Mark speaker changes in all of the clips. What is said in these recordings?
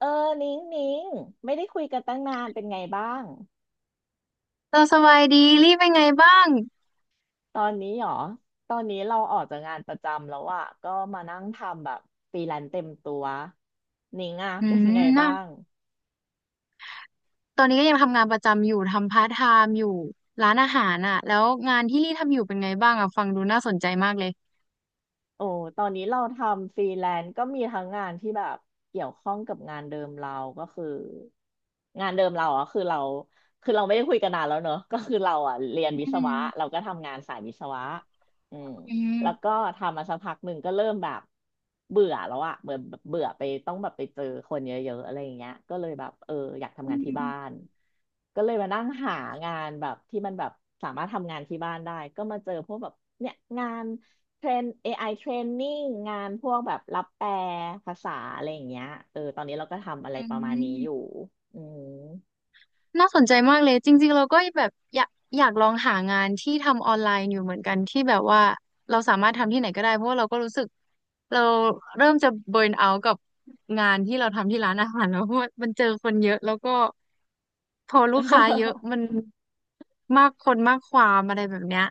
Speaker 1: เออนิ้งนิ้งไม่ได้คุยกันตั้งนานเป็นไงบ้าง
Speaker 2: เราสบายดีรีบเป็นไงบ้าง
Speaker 1: ตอนนี้หรอตอนนี้เราออกจากงานประจำแล้วอะก็มานั่งทำแบบฟรีแลนซ์เต็มตัวนิ้งอะ
Speaker 2: อื
Speaker 1: เป็นไง
Speaker 2: มน่ะ
Speaker 1: บ้าง
Speaker 2: ตอนนี้ก็ยังทำงานประจำอยู่ทำพาร์ทไทม์อยู่ร้านอาหารอ่ะแล้วงานที่รีทำอยู่เป็นไงบ้างอ่ะฟังดูน่าสนใจมากเลย
Speaker 1: โอ้ตอนนี้เราทำฟรีแลนซ์ก็มีทั้งงานที่แบบเกี่ยวข้องกับงานเดิมเราก็คืองานเดิมเราอ่ะคือเราไม่ได้คุยกันนานแล้วเนอะก็คือเราอ่ะเรียนวิ
Speaker 2: อื
Speaker 1: ศวะ
Speaker 2: ม
Speaker 1: เราก็ทำงานสายวิศวะอืม
Speaker 2: อืม
Speaker 1: แล้วก็ทำมาสักพักหนึ่งก็เริ่มแบบเบื่อแล้วอ่ะเบื่อเบื่อไปต้องแบบไปเจอคนเยอะๆอะไรอย่างเงี้ยก็เลยแบบเอออยากทำ
Speaker 2: อื
Speaker 1: งานที่บ้าน
Speaker 2: ม
Speaker 1: ก็เลยมานั่งหางานแบบที่มันแบบสามารถทำงานที่บ้านได้ก็มาเจอพวกแบบเนี่ยงาน เทรน AI training งานพวกแบบรับแปลภาษาอะไรอย่างเงี้ยเออตอนนี้เราก็ทำอะไร
Speaker 2: อื
Speaker 1: ประมาณนี้อยู่
Speaker 2: ม
Speaker 1: อืม
Speaker 2: น่าสนใจมากเลยจริงๆเราก็แบบอยากลองหางานที่ทำออนไลน์อยู่เหมือนกันที่แบบว่าเราสามารถทำที่ไหนก็ได้เพราะว่าเราก็รู้สึกเราเริ่มจะเบิร์นเอาท์กับงานที่เราทำที่ร้านอาหารแล้วเพราะว่ามันเจอคนเยอะแล้วก็พอลูกค้าเยอะ มันมากคนมากความอะไรแบบเนี้ย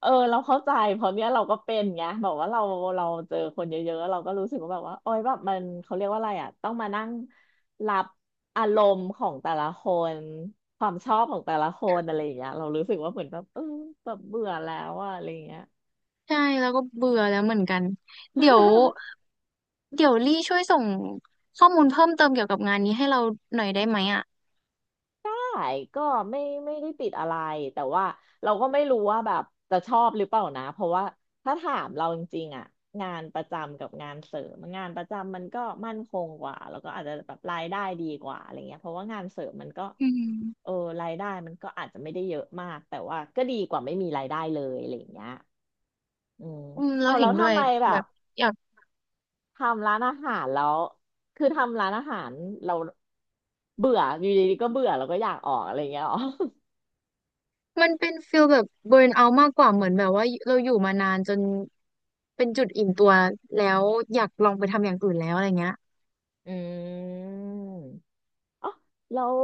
Speaker 1: เออเราเข้าใจเพราะเนี้ยเราก็เป็นไงแบบว่าเราเจอคนเยอะๆเราก็รู้สึกว่าแบบว่าโอ๊ยแบบมันเขาเรียกว่าอะไรอ่ะต้องมานั่งรับอารมณ์ของแต่ละคน ความชอบของแต่ละคนอะไรอย่างเงี้ยเรารู้สึกว่าเหมือนแบบเออแบบเบื่อแล้วอะอะไรอย่างเงี้ย
Speaker 2: ใช่แล้วก็เบื่อแล้วเหมือนกันเดี๋ยว เดี๋ยวลี่ช่วยส่งข้อมูลเพิ่มเติมเกี่ยวกับงานนี้ให้เราหน่อยได้ไหมอ่ะ
Speaker 1: ใายก็ไม่ไม่ได้ติดอะไรแต่ว่าเราก็ไม่รู้ว่าแบบจะชอบหรือเปล่านะเพราะว่าถ้าถามเราจริงๆอ่ะงานประจำกับงานเสริมงานประจำมันก็มั่นคงกว่าแล้วก็อาจจะแบบรายได้ดีกว่าอะไรเงี้ยเพราะว่างานเสริมมันก็
Speaker 2: อืม
Speaker 1: เออรายได้มันก็อาจจะไม่ได้เยอะมากแต่ว่าก็ดีกว่าไม่มีรายได้เลยอะไรเงี้ยอืม
Speaker 2: อืมเรา
Speaker 1: เอาแล้
Speaker 2: เห็น
Speaker 1: ว
Speaker 2: ด้ว
Speaker 1: ทำ
Speaker 2: ย
Speaker 1: ไมแบ
Speaker 2: แบ
Speaker 1: บ
Speaker 2: บอยาก
Speaker 1: ทำร้านอาหารแล้วคือทำร้านอาหารเราเบื่ออยู่ดีๆก็เบื่อแล้วก็อยากออกอะไรเงี้ยหรอ
Speaker 2: มันเป็นฟิลแบบเบิร์นเอามากกว่าเหมือนแบบว่าเราอยู่มานานจนเป็นจุดอิ่มตัวแล้วอยากลองไปทำอย่างอื่นแล้วอะไรเงี้ย
Speaker 1: อืมอ๋อแล้ว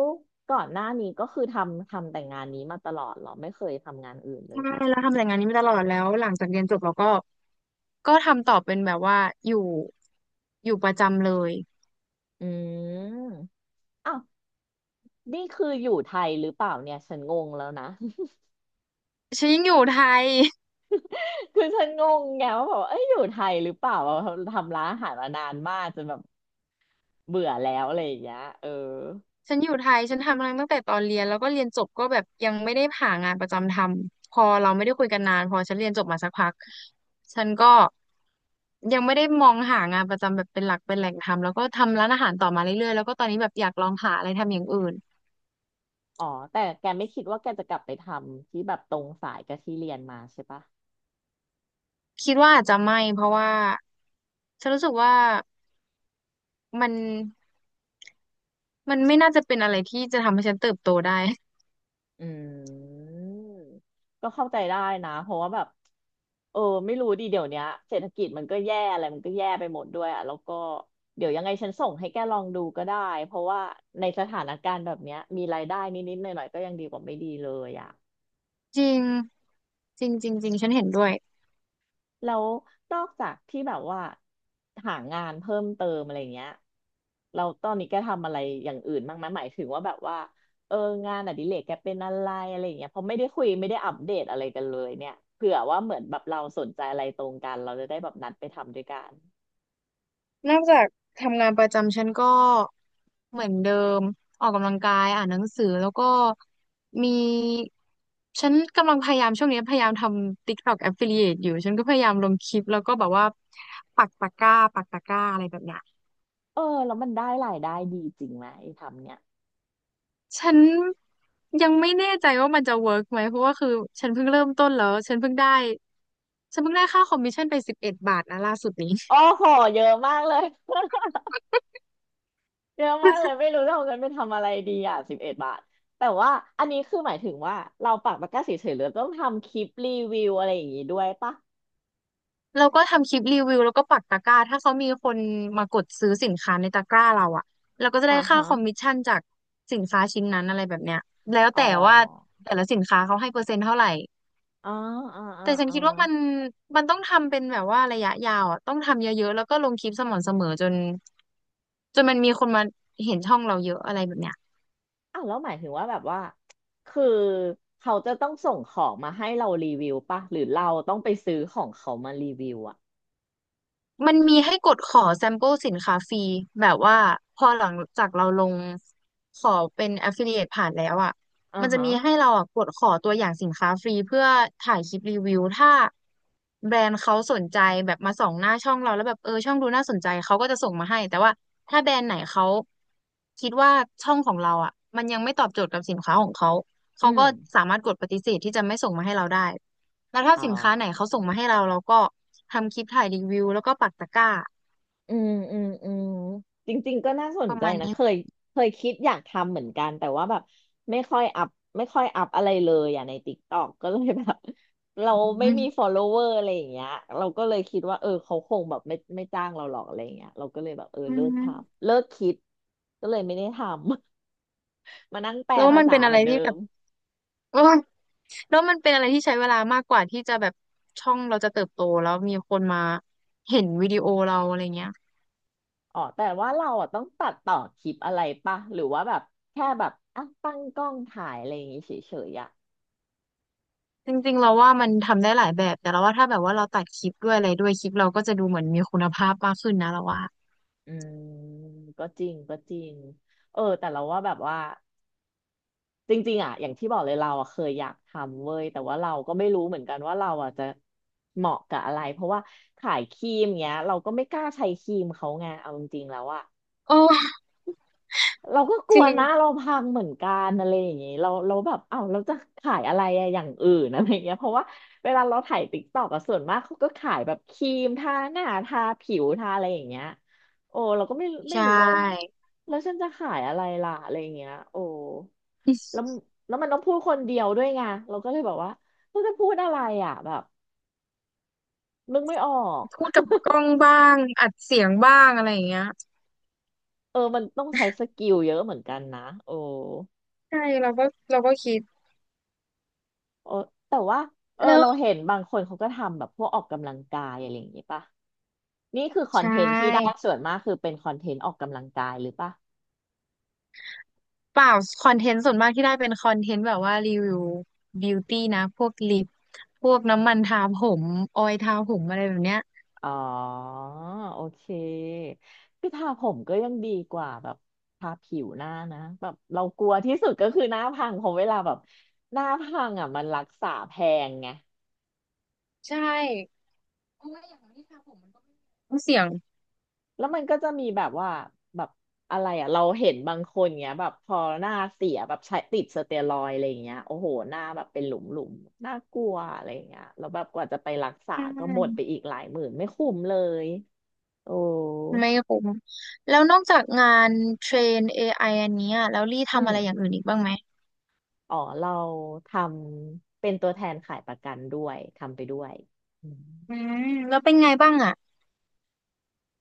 Speaker 1: ก่อนหน้านี้ก็คือทำแต่งานนี้มาตลอดเหรอไม่เคยทำงานอื่นเล
Speaker 2: ใช่
Speaker 1: ยอ๋อ
Speaker 2: แล้วทำแต่งานนี้มาตลอดแล้วหลังจากเรียนจบเราก็ทำต่อเป็นแบบว่าอยู่อยู่ประจำเลย
Speaker 1: อืมอ้าวนี่คืออยู่ไทยหรือเปล่าเนี่ยฉันงงแล้วนะ
Speaker 2: ฉันยังอยู่ไทย
Speaker 1: คือฉันงงไงว่าแบบเอ้ยอยู่ไทยหรือเปล่าทำร้านอาหารมานานมากจนแบบเบื่อแล้วอะไรอย่างเงี้ยเออ
Speaker 2: ฉันอยู่ไทย ฉันทำมาตั้งแต่ตอนเรียนแล้วก็เรียนจบก็แบบยังไม่ได้หางานประจำทำ พอเราไม่ได้คุยกันนานพอฉันเรียนจบมาสักพักฉันก็ยังไม่ได้มองหางานประจำแบบเป็นหลักเป็นแหล่งทำแล้วก็ทำร้านอาหารต่อมาเรื่อยๆแล้วก็ตอนนี้แบบอยากลองหาอะไรทำอย่างอื่น
Speaker 1: อ๋อแต่แกไม่คิดว่าแกจะกลับไปทำที่แบบตรงสายกับที่เรียนมาใช่ปะ
Speaker 2: คิดว่าอาจจะไม่ เพราะว่าฉันรู้สึกว่ามันมันไม่น่าจะเป็นอะไรที่จะทำให้ฉันเติบโตได้
Speaker 1: อืมก็เข้าใจได้นะเพราะว่าแบบเออไม่รู้ดีเดี๋ยวเนี้ยเศรษฐกิจมันก็แย่อะไรมันก็แย่ไปหมดด้วยอ่ะแล้วก็เดี๋ยวยังไงฉันส่งให้แกลองดูก็ได้เพราะว่าในสถานการณ์แบบเนี้ยมีรายได้นิดๆหน่อยๆก็ยังดีกว่าไม่ดีเลยอ่ะ
Speaker 2: จริงจริงจริงจริงฉันเห็นด้วย
Speaker 1: แล้วนอกจากที่แบบว่าหางานเพิ่มเติมอะไรเงี้ยเราตอนนี้แกทำอะไรอย่างอื่นบ้างไหมหมายถึงว่าแบบว่าเอองานอดิเรกแกเป็นอะไรอะไรเงี้ยเพราะไม่ได้คุยไม่ได้อัปเดตอะไรกันเลยเนี่ยเผื่อว่าเหมือนแบบเราสนใจอะไรตรงกันเราจะได้แบบนัดไปทำด้วยกัน
Speaker 2: นอกจากทำงานประจำฉันก็เหมือนเดิมออกกำลังกายอ่านหนังสือแล้วก็มีฉันกำลังพยายามช่วงนี้พยายามทำ TikTok Affiliate อยู่ฉันก็พยายามลงคลิปแล้วก็แบบว่าปักตะกร้าอะไรแบบเนี้ย
Speaker 1: เออแล้วมันได้รายได้ดีจริงไหมไอ้ทำเนี่ย
Speaker 2: ฉันยังไม่แน่ใจว่ามันจะเวิร์กไหมเพราะว่าคือฉันเพิ่งเริ่มต้นแล้วฉันเพิ่งได้ค่าคอมมิชชั่นไป11 บาทนะล่าสุดนี้
Speaker 1: โอ้โหเยอะมากเลย เยอะมากเลย ไม่รู้จะเอาเงินไปทำอะไรดีอ่ะ11 บาทแต่ว่าอันนี้คือหมายถึงว่าเราปักตะกร้าเฉยๆหรือต้องทำคลิปรีวิวอะไรอย่างงี้ด้วยปะ
Speaker 2: แล้วก็ทำคลิปรีวิวแล้วก็ปักตะกร้าถ้าเขามีคนมากดซื้อสินค้าในตะกร้าเราอะเราก็จะ
Speaker 1: อ่า
Speaker 2: ได้ค่า
Speaker 1: ฮะ
Speaker 2: คอมมิชชั่นจากสินค้าชิ้นนั้นอะไรแบบเนี้ยแล้ว
Speaker 1: อ๋อ
Speaker 2: แต่ว่าแต่ละสินค้าเขาให้เปอร์เซ็นต์เท่าไหร่
Speaker 1: อ๋ออ๋ออ๋อ
Speaker 2: แต่ฉัน
Speaker 1: อ๋อ
Speaker 2: คิดว่ามันต้องทำเป็นแบบว่าระยะยาวอะต้องทำเยอะๆแล้วก็ลงคลิปสม่ำเสมอจนมันมีคนมาเห็นช่องเราเยอะอะไรแบบเนี้ย
Speaker 1: อ่ะแล้วหมายถึงว่าแบบว่าคือเขาจะต้องส่งของมาให้เรารีวิวปะหรือเราต้องไปซื้อของเขามารีวิวอ่ะ
Speaker 2: มันมีให้กดขอแซมเปิลสินค้าฟรีแบบว่าพอหลังจากเราลงขอเป็น affiliate ผ่านแล้วอ่ะ
Speaker 1: อ่า
Speaker 2: มันจะ
Speaker 1: ฮะ
Speaker 2: มีให้เราอ่ะกดขอตัวอย่างสินค้าฟรีเพื่อถ่ายคลิปรีวิวถ้าแบรนด์เขาสนใจแบบมาส่องหน้าช่องเราแล้วแบบเออช่องดูน่าสนใจเขาก็จะส่งมาให้แต่ว่าถ้าแบรนด์ไหนเขาคิดว่าช่องของเราอ่ะมันยังไม่ตอบโจทย์กับสินค้าของเขา
Speaker 1: อื
Speaker 2: เขา
Speaker 1: ม
Speaker 2: ก็สามารถกดปฏิเสธที่จะไม่ส่งมาให้เราได้แล้วถ้า
Speaker 1: อ๋อ
Speaker 2: สินค้าไหนเขาส่งมาให้เราเราก็ ทำคลิปถ่ายรีวิวแล้วก็ปักตะกร้า
Speaker 1: อืมอืมอืมจริงๆก็น่าส
Speaker 2: ป
Speaker 1: น
Speaker 2: ระ
Speaker 1: ใจ
Speaker 2: มาณ
Speaker 1: นะ
Speaker 2: นี้
Speaker 1: เคยเคยคิดอยากทำเหมือนกันแต่ว่าแบบไม่ค่อยอัพไม่ค่อยอัพอะไรเลยอ่ะในติ๊กต็อกก็เลยแบบ เรา
Speaker 2: อื
Speaker 1: ไม่มี
Speaker 2: ม
Speaker 1: follower อะไรอย่างเงี้ยเราก็เลยคิดว่าเออเขาคงแบบไม่จ้างเราหรอกอะไรอย่างเงี้ยเราก็เลยแบบเออ
Speaker 2: อื
Speaker 1: เลิกท
Speaker 2: ม
Speaker 1: ำเลิกคิดก็เลยไม่ได้ทำ มานั่งแปล
Speaker 2: แล้ว
Speaker 1: ภา
Speaker 2: มัน
Speaker 1: ษา
Speaker 2: เป็นอะ
Speaker 1: เหมื
Speaker 2: ไร
Speaker 1: อนเดิ
Speaker 2: ที่แบ
Speaker 1: ม
Speaker 2: บ โอ้ยแล้วมันเป็นอะไรที่ใช้เวลามากกว่าที่จะแบบช่องเราจะเติบโตแล้วมีคนมาเห็นวิดีโอเราอะไรเงี้ย
Speaker 1: อ๋อแต่ว่าเราอ่ะต้องตัดต่อคลิปอะไรปะหรือว่าแบบแค่แบบอ่ะตั้งกล้องถ่ายอะไรอย่างงี้เฉยๆอ่ะ
Speaker 2: จริงๆเราว่ามันทำได้หลายแบบแต่เราว่าถ้าแบบว่าเราตัดคลิปด้วยอะไรด้วยคลิปเราก็จะดูเหมือนมีคุณภาพมากขึ้นนะเราว่า
Speaker 1: อืมก็จริงก็จริงเออแต่เราว่าแบบว่าจริงๆอ่ะอย่างที่บอกเลยเราอ่ะเคยอยากทำเว้ยแต่ว่าเราก็ไม่รู้เหมือนกันว่าเราอ่ะจะเหมาะกับอะไรเพราะว่าขายครีมเงี้ยเราก็ไม่กล้าใช้ครีมเขาไงเอาจริงๆแล้วอ่ะ
Speaker 2: โอ้
Speaker 1: เราก็ก
Speaker 2: จ
Speaker 1: ลัว
Speaker 2: ริง
Speaker 1: นะเราพังเหมือนกันอะไรอย่างเงี้ยเราแบบเอ้าเราจะขายอะไรอะอย่างอื่นอะไรเงี้ยเพราะว่าเวลาเราถ่ายติ๊กต็อกอะส่วนมากเขาก็ขายแบบครีมทาหน้าทาผิวทาอะไรอย่างเงี้ยโอ้เราก็ไม่
Speaker 2: ใช่
Speaker 1: รู้ว่าอ่ะแล้วฉันจะขายอะไรล่ะอะไรอย่างเงี้ยโอ้แล้วมันต้องพูดคนเดียวด้วยไงเราก็เลยแบบว่าเราจะพูดอะไรอ่ะแบบนึกไม่ออก
Speaker 2: พูดกับกล้องบ้างอัดเสียงบ้างอะไรอย่างเงี้ย
Speaker 1: เออมันต้องใช้สกิลเยอะเหมือนกันนะโอ้
Speaker 2: ใช่เราก็คิด
Speaker 1: เออแต่ว่าเออ
Speaker 2: แล้ว
Speaker 1: เราเห็นบางคนเขาก็ทำแบบพวกออกกำลังกายอะไรอย่างนี้ป่ะนี่คือคอ
Speaker 2: ใช
Speaker 1: นเทนต์ที่ได้
Speaker 2: ่
Speaker 1: ส่วนมากคือเป็นคอนเทนต์ออกกำลังกายหรือป่ะ
Speaker 2: เปล่าคอนเทนต์ส่วนมากที่ได้เป็นคอนเทนต์แบบว่ารีวิวบิวตี้นะพวกลิปพวกน้ำมันทาผมออยล์ทาผมอะไรแบบเนี้ย
Speaker 1: อ๋อโอเคคือทาผมก็ยังดีกว่าแบบทาผิวหน้านะแบบเรากลัวที่สุดก็คือหน้าพังเพราะเวลาแบบหน้าพังอ่ะมันรักษาแพงไง
Speaker 2: ใช่เพราะว่าอย่างที่ทาผมมันก็ไม่เสี่ยง
Speaker 1: แล้วมันก็จะมีแบบว่าแบบอะไรอ่ะเราเห็นบางคนเงี้ยแบบพอหน้าเสียแบบใช้ติดสเตียรอยด์อะไรยเงี้ยโอ้โหหน้าแบบเป็นหลุมหลุมน่ากลัวอะไรอย่างเงี้ยแล้วแบบกว่าจะไปรักษา
Speaker 2: ใช่
Speaker 1: ก็หมดไปอีกหลายหมื่นไม่คุ้มเลยโอ้
Speaker 2: ไม่คุ้มแล้วนอกจากงานเทรน AI อไออันเนี้ยแล้วลี่
Speaker 1: อื
Speaker 2: ทำอะไรอย่าง
Speaker 1: ม
Speaker 2: อื่นอีกบ้างไหม
Speaker 1: อ๋อเราทำเป็นตัวแทนขายประกันด้วยทำไปด้วยอืม
Speaker 2: อืมแล้วเป็นไงบ้างอ่ะ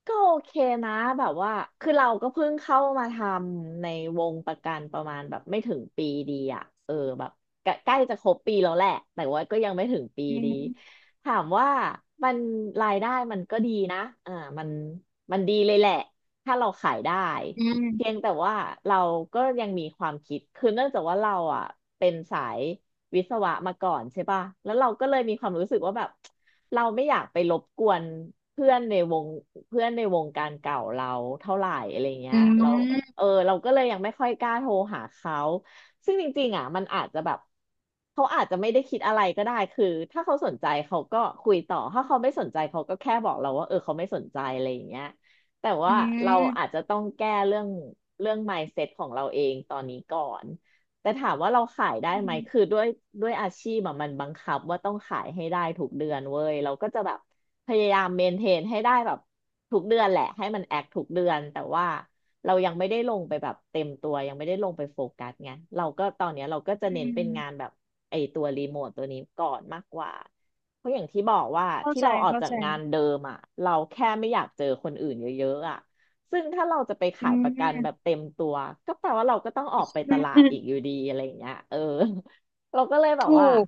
Speaker 1: ก็โอเคนะแบบว่าคือเราก็เพิ่งเข้ามาทำในวงประกันประมาณแบบไม่ถึงปีดีอะเออแบบใกล้ใกล้จะครบปีแล้วแหละแต่ว่าก็ยังไม่ถึงปี
Speaker 2: อื
Speaker 1: ดี
Speaker 2: ม
Speaker 1: ถามว่ามันรายได้มันก็ดีนะอ่ามันมันดีเลยแหละถ้าเราขายได้
Speaker 2: อื
Speaker 1: เพีย
Speaker 2: ม
Speaker 1: งแต่ว่าเราก็ยังมีความคิดคือเนื่องจากว่าเราอ่ะเป็นสายวิศวะมาก่อนใช่ป่ะแล้วเราก็เลยมีความรู้สึกว่าแบบ เราไม่อยากไปรบกวนเพื่อนในวงเพื่อนในวงการเก่าเราเท่าไหร่อะไรเงี้
Speaker 2: อื
Speaker 1: ยเราเอ
Speaker 2: ม
Speaker 1: อเราก็เลยยังไม่ค่อยกล้าโทรหาเขาซึ่งจริงๆอ่ะมันอาจจะแบบเขาอาจจะไม่ได้คิดอะไรก็ได้คือถ้าเขาสนใจเขาก็คุยต่อถ้าเขาไม่สนใจเขาก็แค่บอกเราว่าเออเขาไม่สนใจอะไรอย่างเงี้ยแต่
Speaker 2: อื
Speaker 1: ว่าเราอาจ
Speaker 2: ม
Speaker 1: จะต้องแก้เรื่องmindset ของเราเองตอนนี้ก่อน แต่ถามว่าเราขายได้
Speaker 2: อื
Speaker 1: ไหม
Speaker 2: ม
Speaker 1: คือด้วยอาชีพอะมันบังคับว่าต้องขายให้ได้ทุกเดือนเว้ยเราก็จะแบบพยายามเมนเทนให้ได้แบบทุกเดือนแหละให้มันแอคทุกเดือนแต่ว่าเรายังไม่ได้ลงไปแบบเต็มตัวยังไม่ได้ลงไปโฟกัสไงเราก็ตอนเนี้ยเราก็จะ
Speaker 2: อื
Speaker 1: เน้นเป็
Speaker 2: ม
Speaker 1: นงานแบบไอตัวรีโมทตัวนี้ก่อนมากกว่าเพราะอย่างที่บอกว่า
Speaker 2: เข้า
Speaker 1: ที่
Speaker 2: ใจ
Speaker 1: เราออก
Speaker 2: เข้า
Speaker 1: จาก
Speaker 2: ใจ
Speaker 1: งานเดิมอ่ะเราแค่ไม่อยากเจอคนอื่นเยอะๆอ่ะ ซึ่งถ้าเราจะไป
Speaker 2: อื
Speaker 1: ขายป
Speaker 2: ม
Speaker 1: ระกันแบบเต็มตัวก็แปลว่าเราก็ต้องออกไป
Speaker 2: อ
Speaker 1: ตลาด
Speaker 2: ื
Speaker 1: อีกอ
Speaker 2: ม
Speaker 1: ยู่ดีอะไรอย่างเงี้ยเออ เราก็เลยแบบ
Speaker 2: ถู
Speaker 1: ว่า
Speaker 2: ก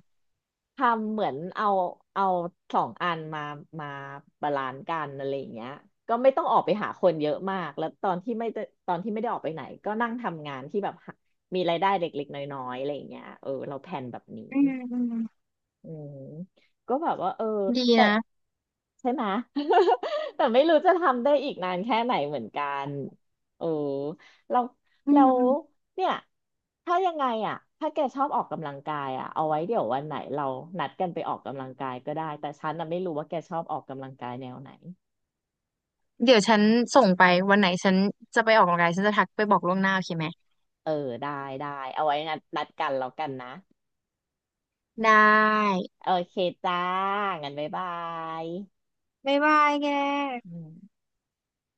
Speaker 1: ทำเหมือนเอาสองอันมาบาลานซ์กันอะไรอย่างเงี้ยก็ไม่ต้องออกไปหาคนเยอะมากแล้วตอนที่ไม่ได้ออกไปไหนก็นั่งทำงานที่แบบหามีรายได้เล็กๆน้อยๆอะไรอย่างเงี้ยเออเราแผนแบบนี้
Speaker 2: อืมอืม
Speaker 1: อืมก็แบบว่าเออ
Speaker 2: ดี
Speaker 1: แต่
Speaker 2: นะ
Speaker 1: ใช่ไหม แต่ไม่รู้จะทำได้อีกนานแค่ไหนเหมือนกันเออเรา
Speaker 2: อื
Speaker 1: เรา
Speaker 2: ม
Speaker 1: เนี่ยถ้ายังไงอ่ะถ้าแกชอบออกกำลังกายอ่ะเอาไว้เดี๋ยววันไหนเรานัดกันไปออกกำลังกายก็ได้แต่ฉันน่ะไม่รู้ว่าแกชอบออกกำลังกายแนวไหน
Speaker 2: เดี๋ยวฉันส่งไปวันไหนฉันจะไปออกกำลังกายฉันจะทักไปบอกล่วงหน้าโอเคไหม
Speaker 1: เออได้ได้เอาไว้นัดกันแล้วกันนะ
Speaker 2: ได้
Speaker 1: โอเคจ้างั้นบ๊ายบาย
Speaker 2: บ๊ายบายแก
Speaker 1: อืม